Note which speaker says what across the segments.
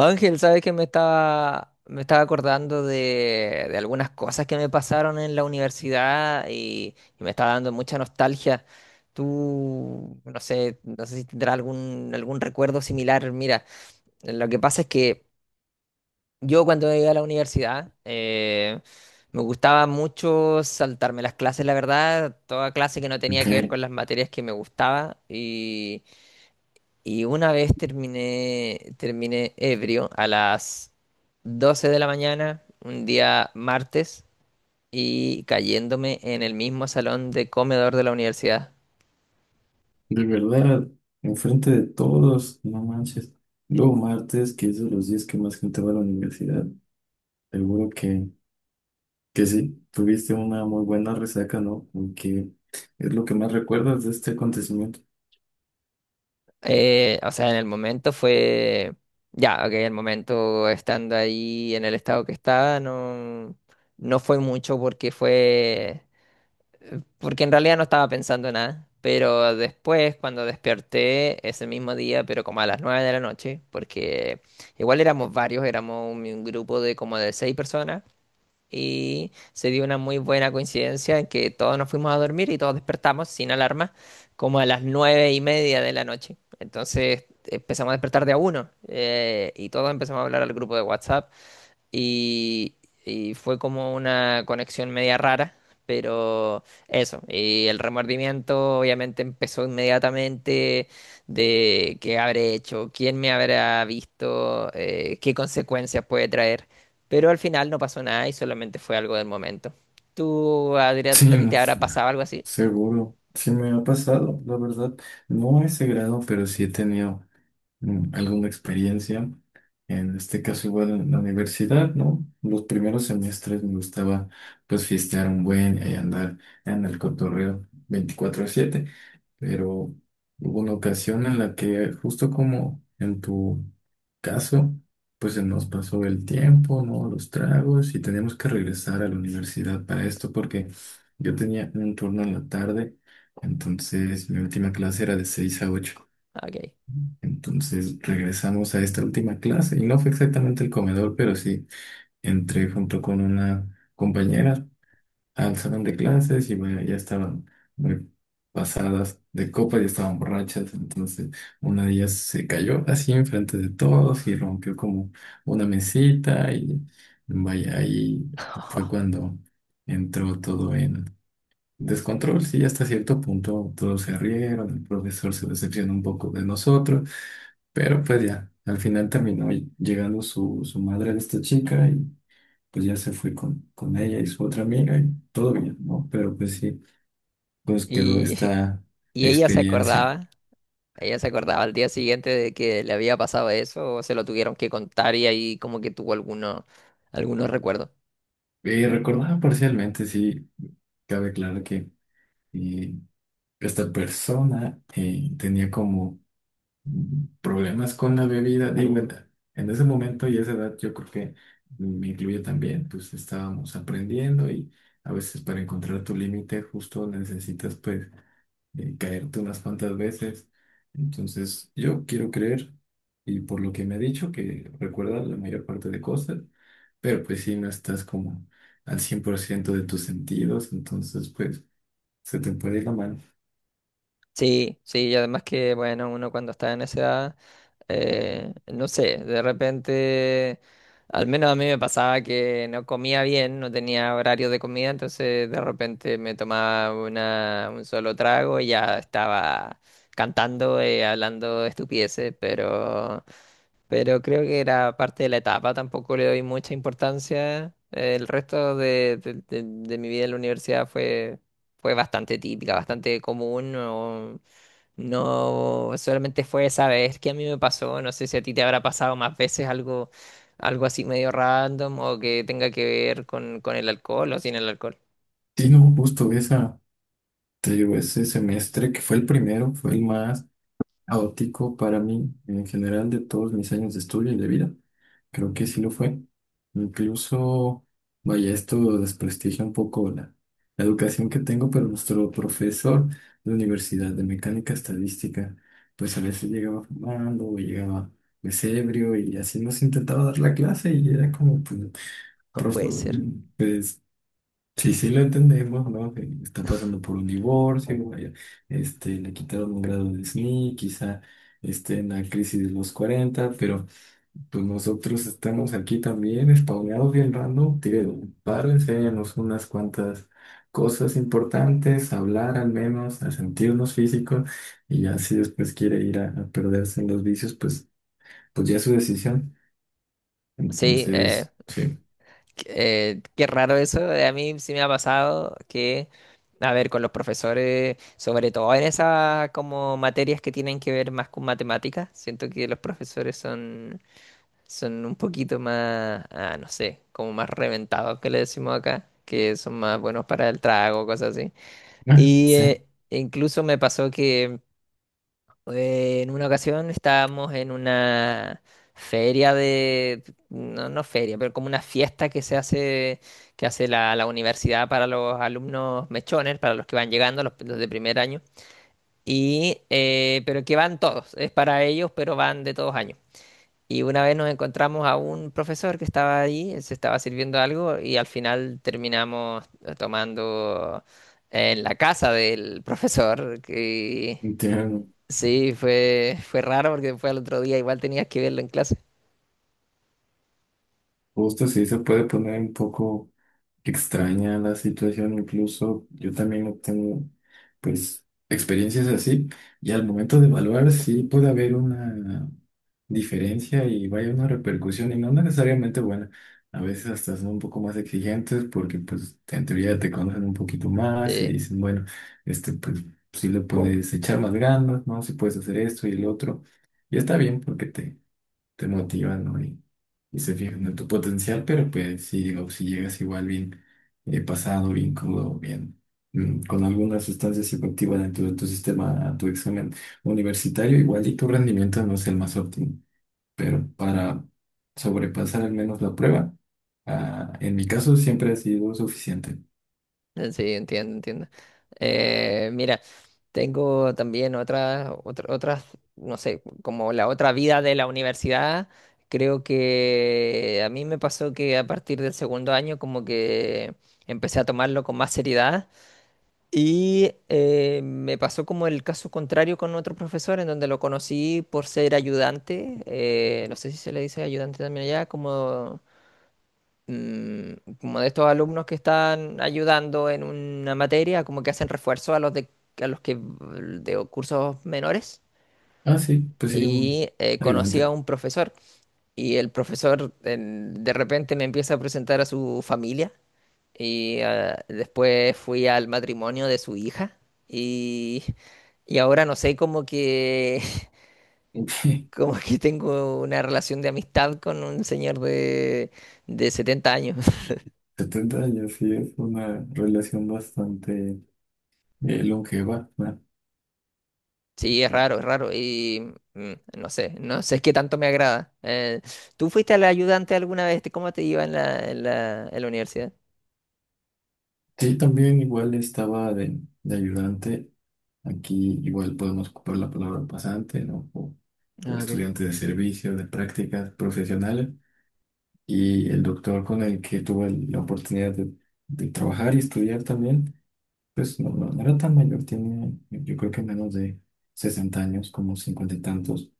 Speaker 1: Ángel, sabes que me estaba acordando de algunas cosas que me pasaron en la universidad y me estaba dando mucha nostalgia. Tú, no sé, no sé si tendrás algún recuerdo similar. Mira, lo que pasa es que yo cuando iba a la universidad me gustaba mucho saltarme las clases, la verdad, toda clase que no tenía
Speaker 2: Ok,
Speaker 1: que ver con las materias que me gustaba, y una vez terminé ebrio a las 12 de la mañana, un día martes, y cayéndome en el mismo salón de comedor de la universidad.
Speaker 2: de verdad, enfrente de todos, no manches. Luego martes, que es de los días que más gente va a la universidad, seguro que sí, tuviste una muy buena resaca, ¿no? Porque es lo que más recuerdas de este acontecimiento.
Speaker 1: O sea, en el momento fue... Ya, ok, el momento estando ahí en el estado que estaba, no, no fue mucho porque fue... porque en realidad no estaba pensando en nada. Pero después, cuando desperté ese mismo día, pero como a las 9 de la noche, porque igual éramos varios, éramos un grupo de como de seis personas, y se dio una muy buena coincidencia en que todos nos fuimos a dormir y todos despertamos sin alarma, como a las 9:30 de la noche. Entonces empezamos a despertar de a uno, y todos empezamos a hablar al grupo de WhatsApp y, y fue como una conexión media rara, pero eso, y el remordimiento obviamente empezó inmediatamente de qué habré hecho, quién me habrá visto, qué consecuencias puede traer, pero al final no pasó nada y solamente fue algo del momento. ¿Tú, Adrián,
Speaker 2: Sí,
Speaker 1: a ti
Speaker 2: no,
Speaker 1: te habrá pasado algo así?
Speaker 2: seguro, sí me ha pasado, la verdad. No a ese grado, pero sí he tenido alguna experiencia. En este caso igual en la universidad, ¿no? Los primeros semestres me gustaba pues fiestear un buen y andar en el cotorreo 24/7, pero hubo una ocasión en la que justo como en tu caso, pues se nos pasó el tiempo, ¿no? Los tragos y teníamos que regresar a la universidad para esto porque yo tenía un turno en la tarde, entonces mi última clase era de 6 a 8.
Speaker 1: Ah, ok.
Speaker 2: Entonces regresamos a esta última clase y no fue exactamente el comedor, pero sí entré junto con una compañera al salón de clases y bueno, ya estaban muy pasadas de copa, ya estaban borrachas. Entonces una de ellas se cayó así enfrente de todos y rompió como una mesita y vaya, ahí fue cuando entró todo en descontrol. Sí, hasta cierto punto todos se rieron, el profesor se decepcionó un poco de nosotros. Pero pues ya, al final terminó llegando su madre de esta chica y pues ya se fue con ella y su otra amiga y todo bien, ¿no? Pero pues sí, pues quedó
Speaker 1: Y,
Speaker 2: esta
Speaker 1: y ella se
Speaker 2: experiencia.
Speaker 1: acordaba. Ella se acordaba al día siguiente de que le había pasado eso o se lo tuvieron que contar y ahí como que tuvo algunos recuerdos.
Speaker 2: Y recordaba parcialmente, sí, cabe claro que eh, esta persona tenía como problemas con la bebida. Digo, en ese momento y esa edad yo creo que me incluye también, pues estábamos aprendiendo y a veces para encontrar tu límite justo necesitas pues caerte unas cuantas veces. Entonces yo quiero creer, y por lo que me ha dicho que recuerda la mayor parte de cosas, pero pues si no estás como al 100 por ciento de tus sentidos, entonces pues se te puede ir la mano.
Speaker 1: Sí, sí, y además que, bueno, uno cuando está en esa edad, no sé, de repente, al menos a mí me pasaba que no comía bien, no tenía horario de comida, entonces de repente me tomaba un solo trago y ya estaba cantando, hablando estupideces, pero... Pero creo que era parte de la etapa, tampoco le doy mucha importancia. El resto de mi vida en la universidad fue, fue bastante típica, bastante común. No, solamente fue esa vez que a mí me pasó. No sé si a ti te habrá pasado más veces algo, algo así medio random o que tenga que ver con el alcohol o sin el alcohol.
Speaker 2: Sí, no, justo esa. Te digo, ese semestre que fue el primero, fue el más caótico para mí en general de todos mis años de estudio y de vida. Creo que sí lo fue. Incluso, vaya, esto desprestigia un poco la educación que tengo, pero nuestro profesor de universidad de mecánica estadística, pues a veces llegaba fumando o llegaba pues ebrio y así nos intentaba dar la clase y era como, pues,
Speaker 1: No puede
Speaker 2: profesor,
Speaker 1: ser.
Speaker 2: sí, sí, lo entendemos, ¿no? Que está pasando por un divorcio, vaya, este, le quitaron un grado de SNI, quizá esté en la crisis de los cuarenta, pero pues nosotros estamos aquí también, spawneados bien random, tío, paro, enséñanos unas cuantas cosas importantes, hablar al menos, a sentirnos físicos, y ya si después quiere ir a perderse en los vicios, pues, pues ya es su decisión.
Speaker 1: Sí,
Speaker 2: Entonces, sí.
Speaker 1: eh, qué raro eso. A mí sí me ha pasado que, a ver, con los profesores, sobre todo en esas como materias que tienen que ver más con matemáticas, siento que los profesores son, son un poquito más, no sé, como más reventados que le decimos acá, que son más buenos para el trago, cosas así.
Speaker 2: Ah,
Speaker 1: Y
Speaker 2: sí,
Speaker 1: incluso me pasó que en una ocasión estábamos en una feria de, no, no feria, pero como una fiesta que se hace, que hace la universidad para los alumnos mechones, para los que van llegando, los de primer año. Y, pero que van todos, es para ellos, pero van de todos años. Y una vez nos encontramos a un profesor que estaba ahí, él se estaba sirviendo algo y al final terminamos tomando en la casa del profesor.
Speaker 2: entiendo.
Speaker 1: Sí, fue, fue raro porque fue al otro día, igual tenías que verlo en clase.
Speaker 2: Justo sí se puede poner un poco extraña la situación, incluso yo también no tengo, pues, experiencias así, y al momento de evaluar sí puede haber una diferencia y vaya una repercusión, y no necesariamente buena, a veces hasta son un poco más exigentes porque, pues, en teoría te conocen un poquito más y
Speaker 1: Sí,
Speaker 2: dicen, bueno, este, pues, sí le puedes echar más ganas, ¿no? Si puedes hacer esto y el otro, y está bien porque te motiva, ¿no? Y se fijan en tu potencial, pero pues si, digo, si llegas igual bien pasado, bien crudo, bien con alguna sustancia psicoactiva dentro de tu sistema a tu examen universitario, igual y tu rendimiento no es el más óptimo, pero para sobrepasar al menos la prueba, ah, en mi caso siempre ha sido suficiente.
Speaker 1: sí, entiendo, entiendo. Mira, tengo también otras, otras, no sé, como la otra vida de la universidad. Creo que a mí me pasó que a partir del segundo año como que empecé a tomarlo con más seriedad y me pasó como el caso contrario con otro profesor en donde lo conocí por ser ayudante, no sé si se le dice ayudante también allá, como... mm, como de estos alumnos que están ayudando en una materia, como que hacen refuerzo a los de, a los que de cursos menores.
Speaker 2: Ah, sí, pues sí, un
Speaker 1: Y conocí a
Speaker 2: ayudante.
Speaker 1: un profesor y el profesor de repente me empieza a presentar a su familia y después fui al matrimonio de su hija y, y ahora no sé, como que, como que tengo una relación de amistad con un señor de 70 años.
Speaker 2: 70 años, sí, es una relación bastante longeva.
Speaker 1: Sí, es raro, es raro. Y no sé, no sé qué tanto me agrada. ¿Tú fuiste al ayudante alguna vez? ¿Cómo te iba en la, en la universidad?
Speaker 2: Sí, también igual estaba de ayudante. Aquí igual podemos ocupar la palabra pasante, ¿no? O
Speaker 1: Ah, ok.
Speaker 2: estudiante de servicio, de prácticas profesionales. Y el doctor con el que tuve la oportunidad de trabajar y estudiar también, pues no, no era tan mayor, tenía yo creo que menos de 60 años, como 50 y tantos.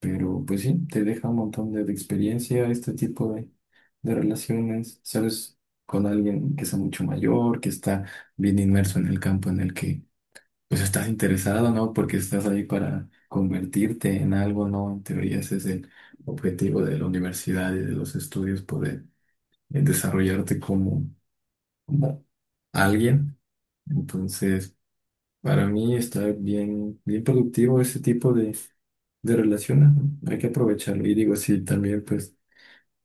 Speaker 2: Pero pues sí, te deja un montón de experiencia este tipo de relaciones, ¿sabes? Con alguien que sea mucho mayor, que está bien inmerso en el campo en el que pues estás interesado, ¿no? Porque estás ahí para convertirte en algo, ¿no? En teoría ese es el objetivo de la universidad y de los estudios, poder desarrollarte como, como alguien. Entonces, para mí está bien, bien productivo ese tipo de relaciones, ¿no? Hay que aprovecharlo. Y digo, si también pues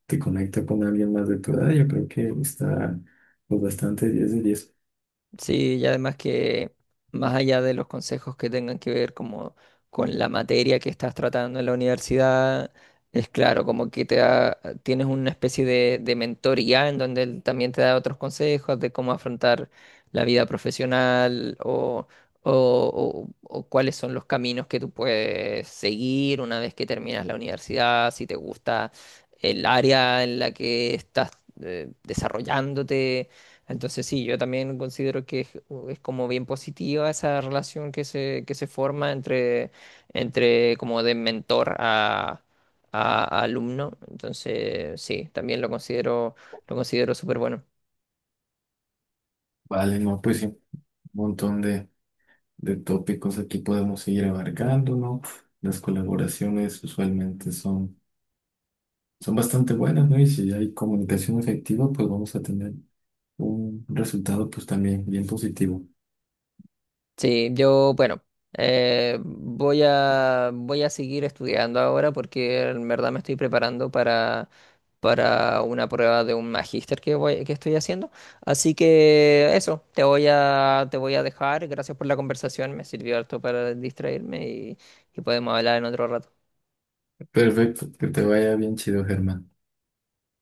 Speaker 2: te conecta con alguien más de tu edad, yo creo que está pues, bastante 10 de 10.
Speaker 1: Sí, y además que más allá de los consejos que tengan que ver como con la materia que estás tratando en la universidad, es claro, como que te da, tienes una especie de mentoría en donde él también te da otros consejos de cómo afrontar la vida profesional o, o cuáles son los caminos que tú puedes seguir una vez que terminas la universidad, si te gusta el área en la que estás desarrollándote, entonces sí, yo también considero que es como bien positiva esa relación que se forma entre, entre como de mentor a alumno. Entonces sí, también lo considero súper bueno.
Speaker 2: Vale, no, pues sí, un montón de tópicos aquí podemos seguir abarcando, ¿no? Las colaboraciones usualmente son, son bastante buenas, ¿no? Y si hay comunicación efectiva, pues vamos a tener un resultado pues también bien positivo.
Speaker 1: Sí, yo, bueno, voy voy a seguir estudiando ahora porque en verdad me estoy preparando para una prueba de un magíster que voy, que estoy haciendo. Así que eso, te voy te voy a dejar. Gracias por la conversación, me sirvió harto para distraerme y podemos hablar en otro rato.
Speaker 2: Perfecto, que te vaya bien chido, Germán.